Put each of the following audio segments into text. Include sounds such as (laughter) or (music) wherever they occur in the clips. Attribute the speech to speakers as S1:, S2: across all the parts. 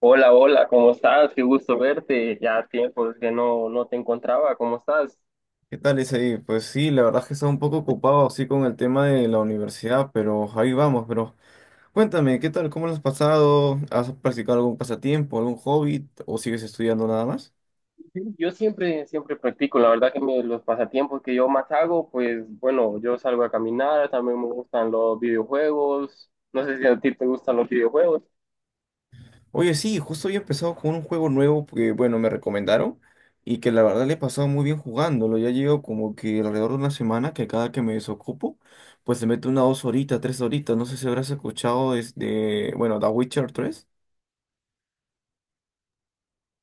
S1: Hola, hola, ¿cómo estás? Qué gusto verte. Ya tiempo que no te encontraba. ¿Cómo estás?
S2: ¿Qué tal, Isaí? Pues sí, la verdad es que estaba un poco ocupado así con el tema de la universidad, pero ahí vamos, pero cuéntame, ¿qué tal? ¿Cómo lo has pasado? ¿Has practicado algún pasatiempo, algún hobby o sigues estudiando nada más?
S1: Yo siempre, siempre practico. La verdad que los pasatiempos que yo más hago, pues bueno, yo salgo a caminar, también me gustan los videojuegos. No sé si a ti te gustan los videojuegos.
S2: Oye, sí, justo había empezado con un juego nuevo que, bueno, me recomendaron y que la verdad le he pasado muy bien jugándolo. Ya llevo como que alrededor de una semana que cada que me desocupo, pues se mete una 2 horitas, 3 horitas. No sé si habrás escuchado de, bueno, The Witcher 3.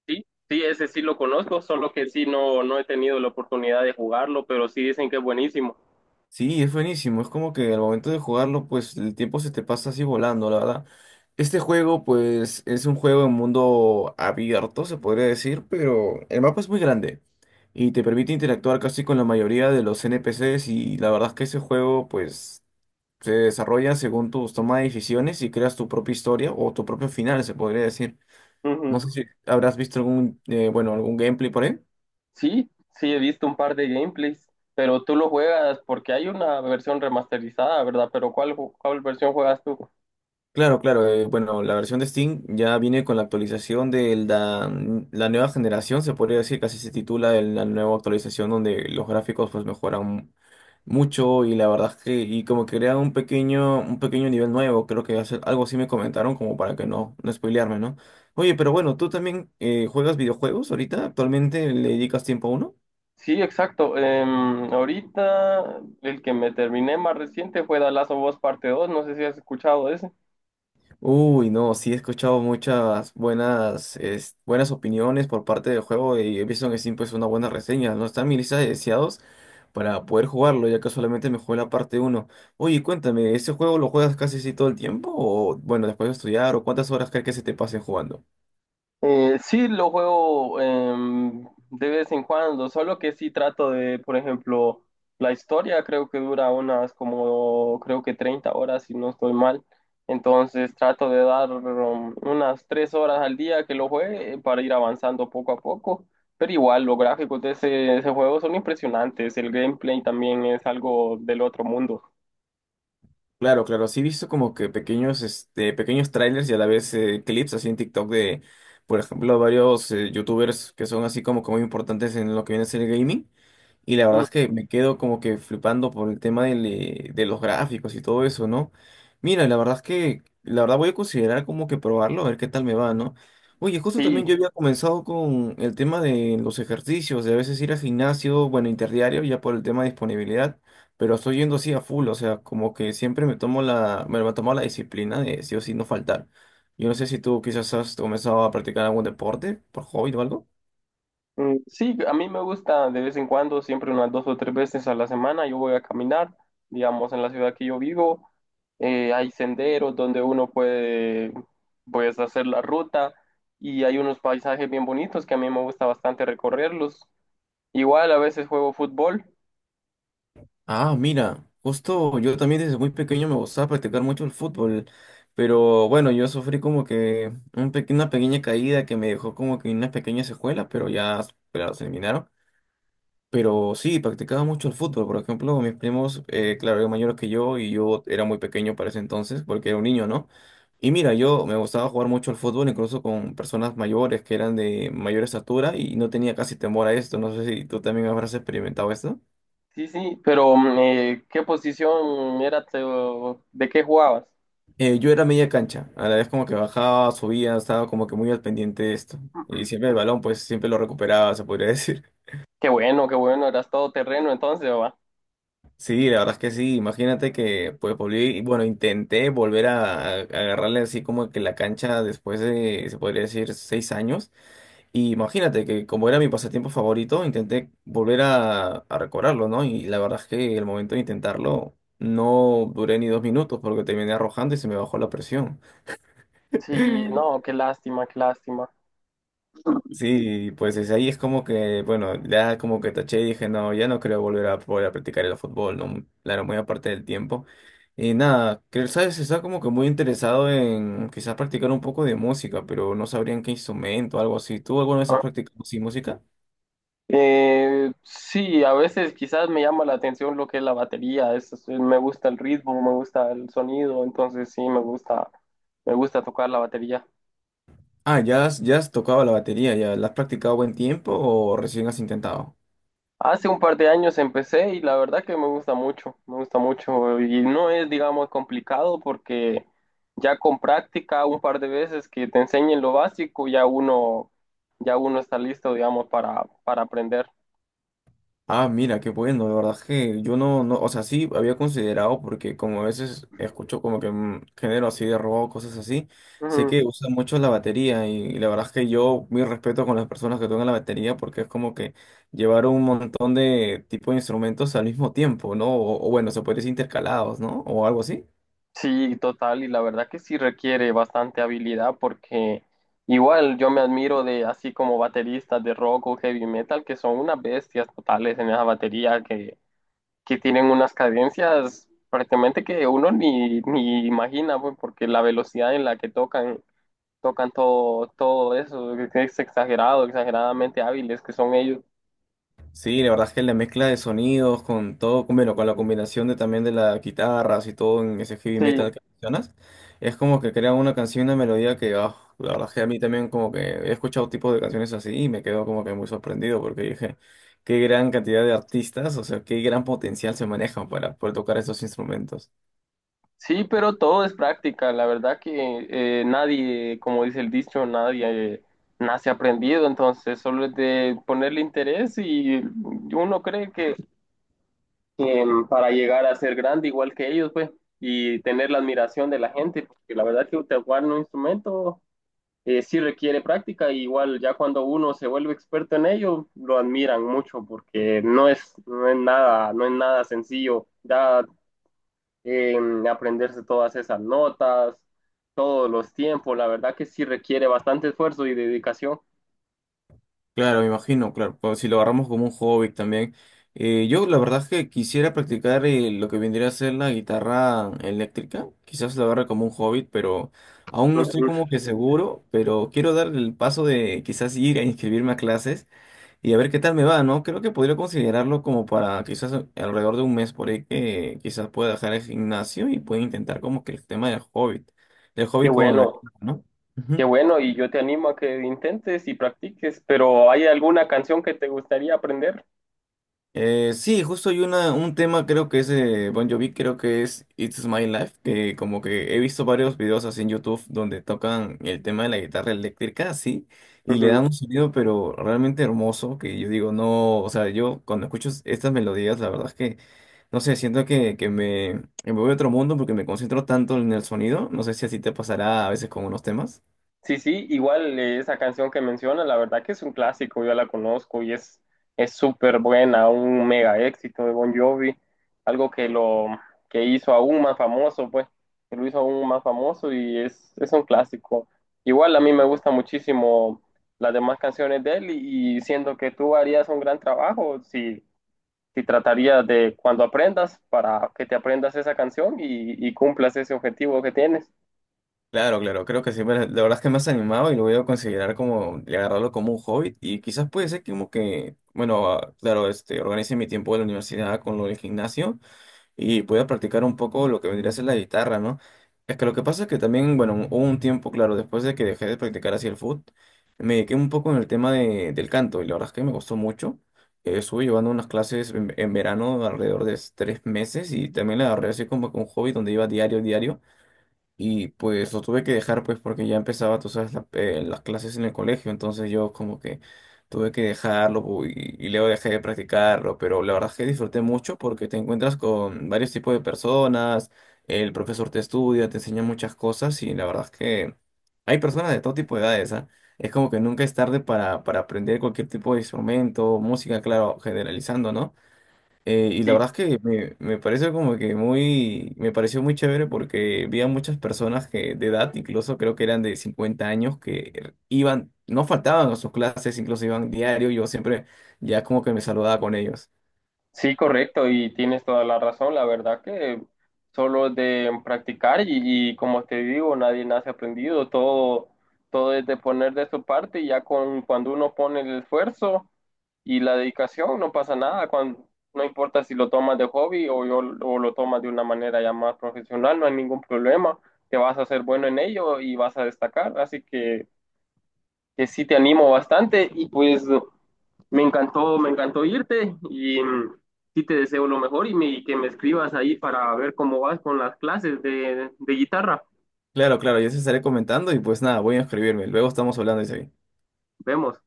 S1: Sí, sí, ese sí lo conozco, solo que sí no he tenido la oportunidad de jugarlo, pero sí dicen que es buenísimo.
S2: Sí, es buenísimo. Es como que al momento de jugarlo, pues el tiempo se te pasa así volando, la verdad. Este juego, pues, es un juego en mundo abierto, se podría decir, pero el mapa es muy grande y te permite interactuar casi con la mayoría de los NPCs y la verdad es que ese juego, pues, se desarrolla según tus tomas de decisiones y creas tu propia historia o tu propio final, se podría decir. No sé
S1: Ujú.
S2: si habrás visto bueno, algún gameplay por ahí.
S1: Sí, sí, he visto un par de gameplays, pero tú lo juegas porque hay una versión remasterizada, ¿verdad? Pero ¿cuál versión juegas tú?
S2: Claro, claro. Bueno, la versión de Steam ya viene con la actualización de la nueva generación, se podría decir, casi se titula la nueva actualización donde los gráficos pues mejoran mucho y la verdad es que y como que crea un pequeño nivel nuevo, creo que algo así me comentaron como para que no spoilearme, ¿no? Oye, pero bueno, ¿tú también juegas videojuegos ahorita, actualmente le dedicas tiempo a uno?
S1: Sí, exacto. Ahorita el que me terminé más reciente fue The Last of Us Parte II. No sé si has escuchado ese.
S2: Uy, no, sí he escuchado muchas buenas, buenas opiniones por parte del juego y he visto que sí, pues una buena reseña, ¿no? Está en mi lista de deseados para poder jugarlo, ya que solamente me jugué la parte uno. Oye, cuéntame, ¿ese juego lo juegas casi así todo el tiempo? O bueno, después de estudiar, ¿o cuántas horas crees que se te pasen jugando?
S1: Sí, lo juego de vez en cuando, solo que sí trato de, por ejemplo, la historia creo que dura unas como, creo que 30 horas, si no estoy mal. Entonces trato de dar unas 3 horas al día que lo juegue para ir avanzando poco a poco. Pero igual, los gráficos de ese juego son impresionantes, el gameplay también es algo del otro mundo.
S2: Claro, claro, sí he visto como que pequeños trailers y a la vez clips así en TikTok de, por ejemplo, varios youtubers que son así como que muy importantes en lo que viene a ser el gaming. Y la verdad
S1: Mm,
S2: es que me quedo como que flipando por el tema de los gráficos y todo eso, ¿no? Mira, la verdad es que, la verdad voy a considerar como que probarlo, a ver qué tal me va, ¿no? Oye, justo
S1: Sí,
S2: también yo había comenzado con el tema de los ejercicios, de a veces ir al gimnasio, bueno, interdiario, ya por el tema de disponibilidad, pero estoy yendo así a full, o sea, como que siempre me tomo la disciplina de sí o sí no faltar. Yo no sé si tú quizás has comenzado a practicar algún deporte por hobby o algo.
S1: Sí, a mí me gusta de vez en cuando, siempre unas 2 o 3 veces a la semana, yo voy a caminar, digamos, en la ciudad que yo vivo, hay senderos donde uno puede, pues, hacer la ruta y hay unos paisajes bien bonitos que a mí me gusta bastante recorrerlos. Igual a veces juego fútbol,
S2: Ah, mira, justo yo también desde muy pequeño me gustaba practicar mucho el fútbol, pero bueno, yo sufrí como que una pequeña caída que me dejó como que unas pequeñas secuelas, pero ya, claro, se eliminaron. Pero sí, practicaba mucho el fútbol, por ejemplo, mis primos, claro, eran mayores que yo y yo era muy pequeño para ese entonces, porque era un niño, ¿no? Y mira, yo me gustaba jugar mucho el fútbol, incluso con personas mayores que eran de mayor estatura y no tenía casi temor a esto, no sé si tú también habrás experimentado esto.
S1: sí, sí, pero ¿qué posición era, de qué jugabas?
S2: Yo era media cancha, a la vez como que bajaba, subía, estaba como que muy al pendiente de esto. Y siempre el balón, pues siempre lo recuperaba, se podría decir. (laughs)
S1: Qué bueno, eras todo terreno entonces, va.
S2: Sí, la verdad es que sí, imagínate que pues volví, y bueno, intenté volver a agarrarle así como que la cancha después de, se podría decir, 6 años. Y imagínate que como era mi pasatiempo favorito, intenté volver a recobrarlo, ¿no? Y la verdad es que el momento de intentarlo no duré ni 2 minutos porque terminé arrojando y se me bajó la presión.
S1: Sí, no, qué lástima, qué lástima.
S2: Sí, pues desde ahí es como que, bueno, ya como que taché y dije, no, ya no creo volver a practicar el fútbol, ¿no? Claro, muy aparte del tiempo. Y nada, creo, ¿sabes? Está como que muy interesado en quizás practicar un poco de música, pero no sabrían qué instrumento, algo así. ¿Tú alguna vez has practicado sí, música?
S1: Sí, a veces quizás me llama la atención lo que es la batería, me gusta el ritmo, me gusta el sonido, entonces sí, me gusta tocar la batería.
S2: Ah, ya has tocado la batería, ¿ya la has practicado buen tiempo o recién has intentado?
S1: Hace un par de años empecé y la verdad que me gusta mucho y no es, digamos, complicado porque ya con práctica un par de veces que te enseñen lo básico, ya uno está listo, digamos, para aprender.
S2: Ah, mira, qué bueno, de verdad que yo no, no, o sea, sí había considerado, porque como a veces escucho como que género así de rock, cosas así, sé
S1: Ujú.
S2: que, ujú, usan mucho la batería y, la verdad es que yo mi respeto con las personas que tocan la batería porque es como que llevar un montón de tipo de instrumentos al mismo tiempo, ¿no? O bueno, se puede decir intercalados, ¿no? O algo así.
S1: Sí, total, y la verdad que sí requiere bastante habilidad porque igual yo me admiro de así como bateristas de rock o heavy metal que son unas bestias totales en esa batería que tienen unas cadencias prácticamente que uno ni imagina pues, porque la velocidad en la que tocan todo, eso, que es exagerado, exageradamente hábiles que son ellos.
S2: Sí, la verdad es que la mezcla de sonidos con todo, bueno, con la combinación de también de las guitarras y todo en ese heavy
S1: Sí.
S2: metal que mencionas, es como que crea una canción, una melodía que, ah, la verdad es que a mí también como que he escuchado tipos de canciones así y me quedo como que muy sorprendido porque dije, qué gran cantidad de artistas, o sea, qué gran potencial se manejan para poder tocar esos instrumentos.
S1: Sí, pero todo es práctica. La verdad que nadie, como dice el dicho, nadie nace aprendido. Entonces, solo es de ponerle interés y uno cree que, para llegar a ser grande igual que ellos, pues, y tener la admiración de la gente, porque la verdad que tocar un instrumento sí requiere práctica. Y igual ya cuando uno se vuelve experto en ello, lo admiran mucho porque no es nada, no es nada sencillo. Ya en aprenderse todas esas notas, todos los tiempos. La verdad que sí requiere bastante esfuerzo y dedicación.
S2: Claro, me imagino, claro, pues, si lo agarramos como un hobby también. Yo la verdad es que quisiera practicar lo que vendría a ser la guitarra eléctrica, quizás la agarre como un hobby, pero aún no estoy
S1: Ujú.
S2: como que seguro, pero quiero dar el paso de quizás ir a inscribirme a clases y a ver qué tal me va, ¿no? Creo que podría considerarlo como para quizás alrededor de un mes por ahí que quizás pueda dejar el gimnasio y pueda intentar como que el tema del
S1: Qué
S2: hobby con la
S1: bueno,
S2: guitarra, ¿no?
S1: qué
S2: Ujú.
S1: bueno. Y yo te animo a que intentes y practiques, pero ¿hay alguna canción que te gustaría aprender?
S2: Sí, justo hay un tema, creo que es de Bon Jovi, creo que es It's My Life, que como que he visto varios videos así en YouTube donde tocan el tema de la guitarra eléctrica, así, y le dan un sonido pero realmente hermoso, que yo digo, no, o sea, yo cuando escucho estas melodías, la verdad es que, no sé, siento que, que me voy a otro mundo porque me concentro tanto en el sonido, no sé si así te pasará a veces con unos temas.
S1: Sí, sí, igual esa canción que menciona, la verdad que es un clásico, yo la conozco y es súper buena, un mega éxito de Bon Jovi, algo que lo que hizo aún más famoso, pues, que lo hizo aún más famoso y es un clásico. Igual a mí me gusta muchísimo las demás canciones de él y siento que tú harías un gran trabajo si tratarías de cuando aprendas para que te aprendas esa canción y cumplas ese objetivo que tienes.
S2: Claro, claro, creo que sí, pero la verdad es que me has animado y lo voy a considerar como, y agarrarlo como un hobby y quizás puede ser como que, bueno, claro, organice mi tiempo de la universidad con lo del gimnasio y pueda practicar un poco lo que vendría a ser la guitarra, ¿no? Es que lo que pasa es que también, bueno, hubo un tiempo, claro, después de que dejé de practicar así el foot, me dediqué un poco en el tema del canto y la verdad es que me gustó mucho. Estuve llevando unas clases en, verano alrededor de 3 meses y también la agarré así como que un hobby donde iba diario, diario. Y pues lo tuve que dejar pues porque ya empezaba, tú sabes, las clases en el colegio, entonces yo como que tuve que dejarlo y luego dejé de practicarlo, pero la verdad es que disfruté mucho porque te encuentras con varios tipos de personas, el profesor te estudia, te enseña muchas cosas y la verdad es que hay personas de todo tipo de edades, ¿ah? Es como que nunca es tarde para, aprender cualquier tipo de instrumento, música, claro, generalizando, ¿no? Y la
S1: Y
S2: verdad es que me parece como que me pareció muy chévere porque vi a muchas personas que de edad, incluso creo que eran de 50 años, que iban, no faltaban a sus clases, incluso iban diario, yo siempre ya como que me saludaba con ellos.
S1: Sí, correcto, y tienes toda la razón. La verdad que solo de practicar y como te digo, nadie nace aprendido. Todo es de poner de su parte y ya con cuando uno pone el esfuerzo y la dedicación, no pasa nada. No importa si lo tomas de hobby o, o lo tomas de una manera ya más profesional, no hay ningún problema. Te vas a hacer bueno en ello y vas a destacar. Así que sí te animo bastante y pues. Me encantó irte y sí te deseo lo mejor y, y que me escribas ahí para ver cómo vas con las clases de guitarra.
S2: Claro, claro, yo se estaré comentando y pues nada, voy a inscribirme, luego estamos hablando de eso.
S1: Vemos.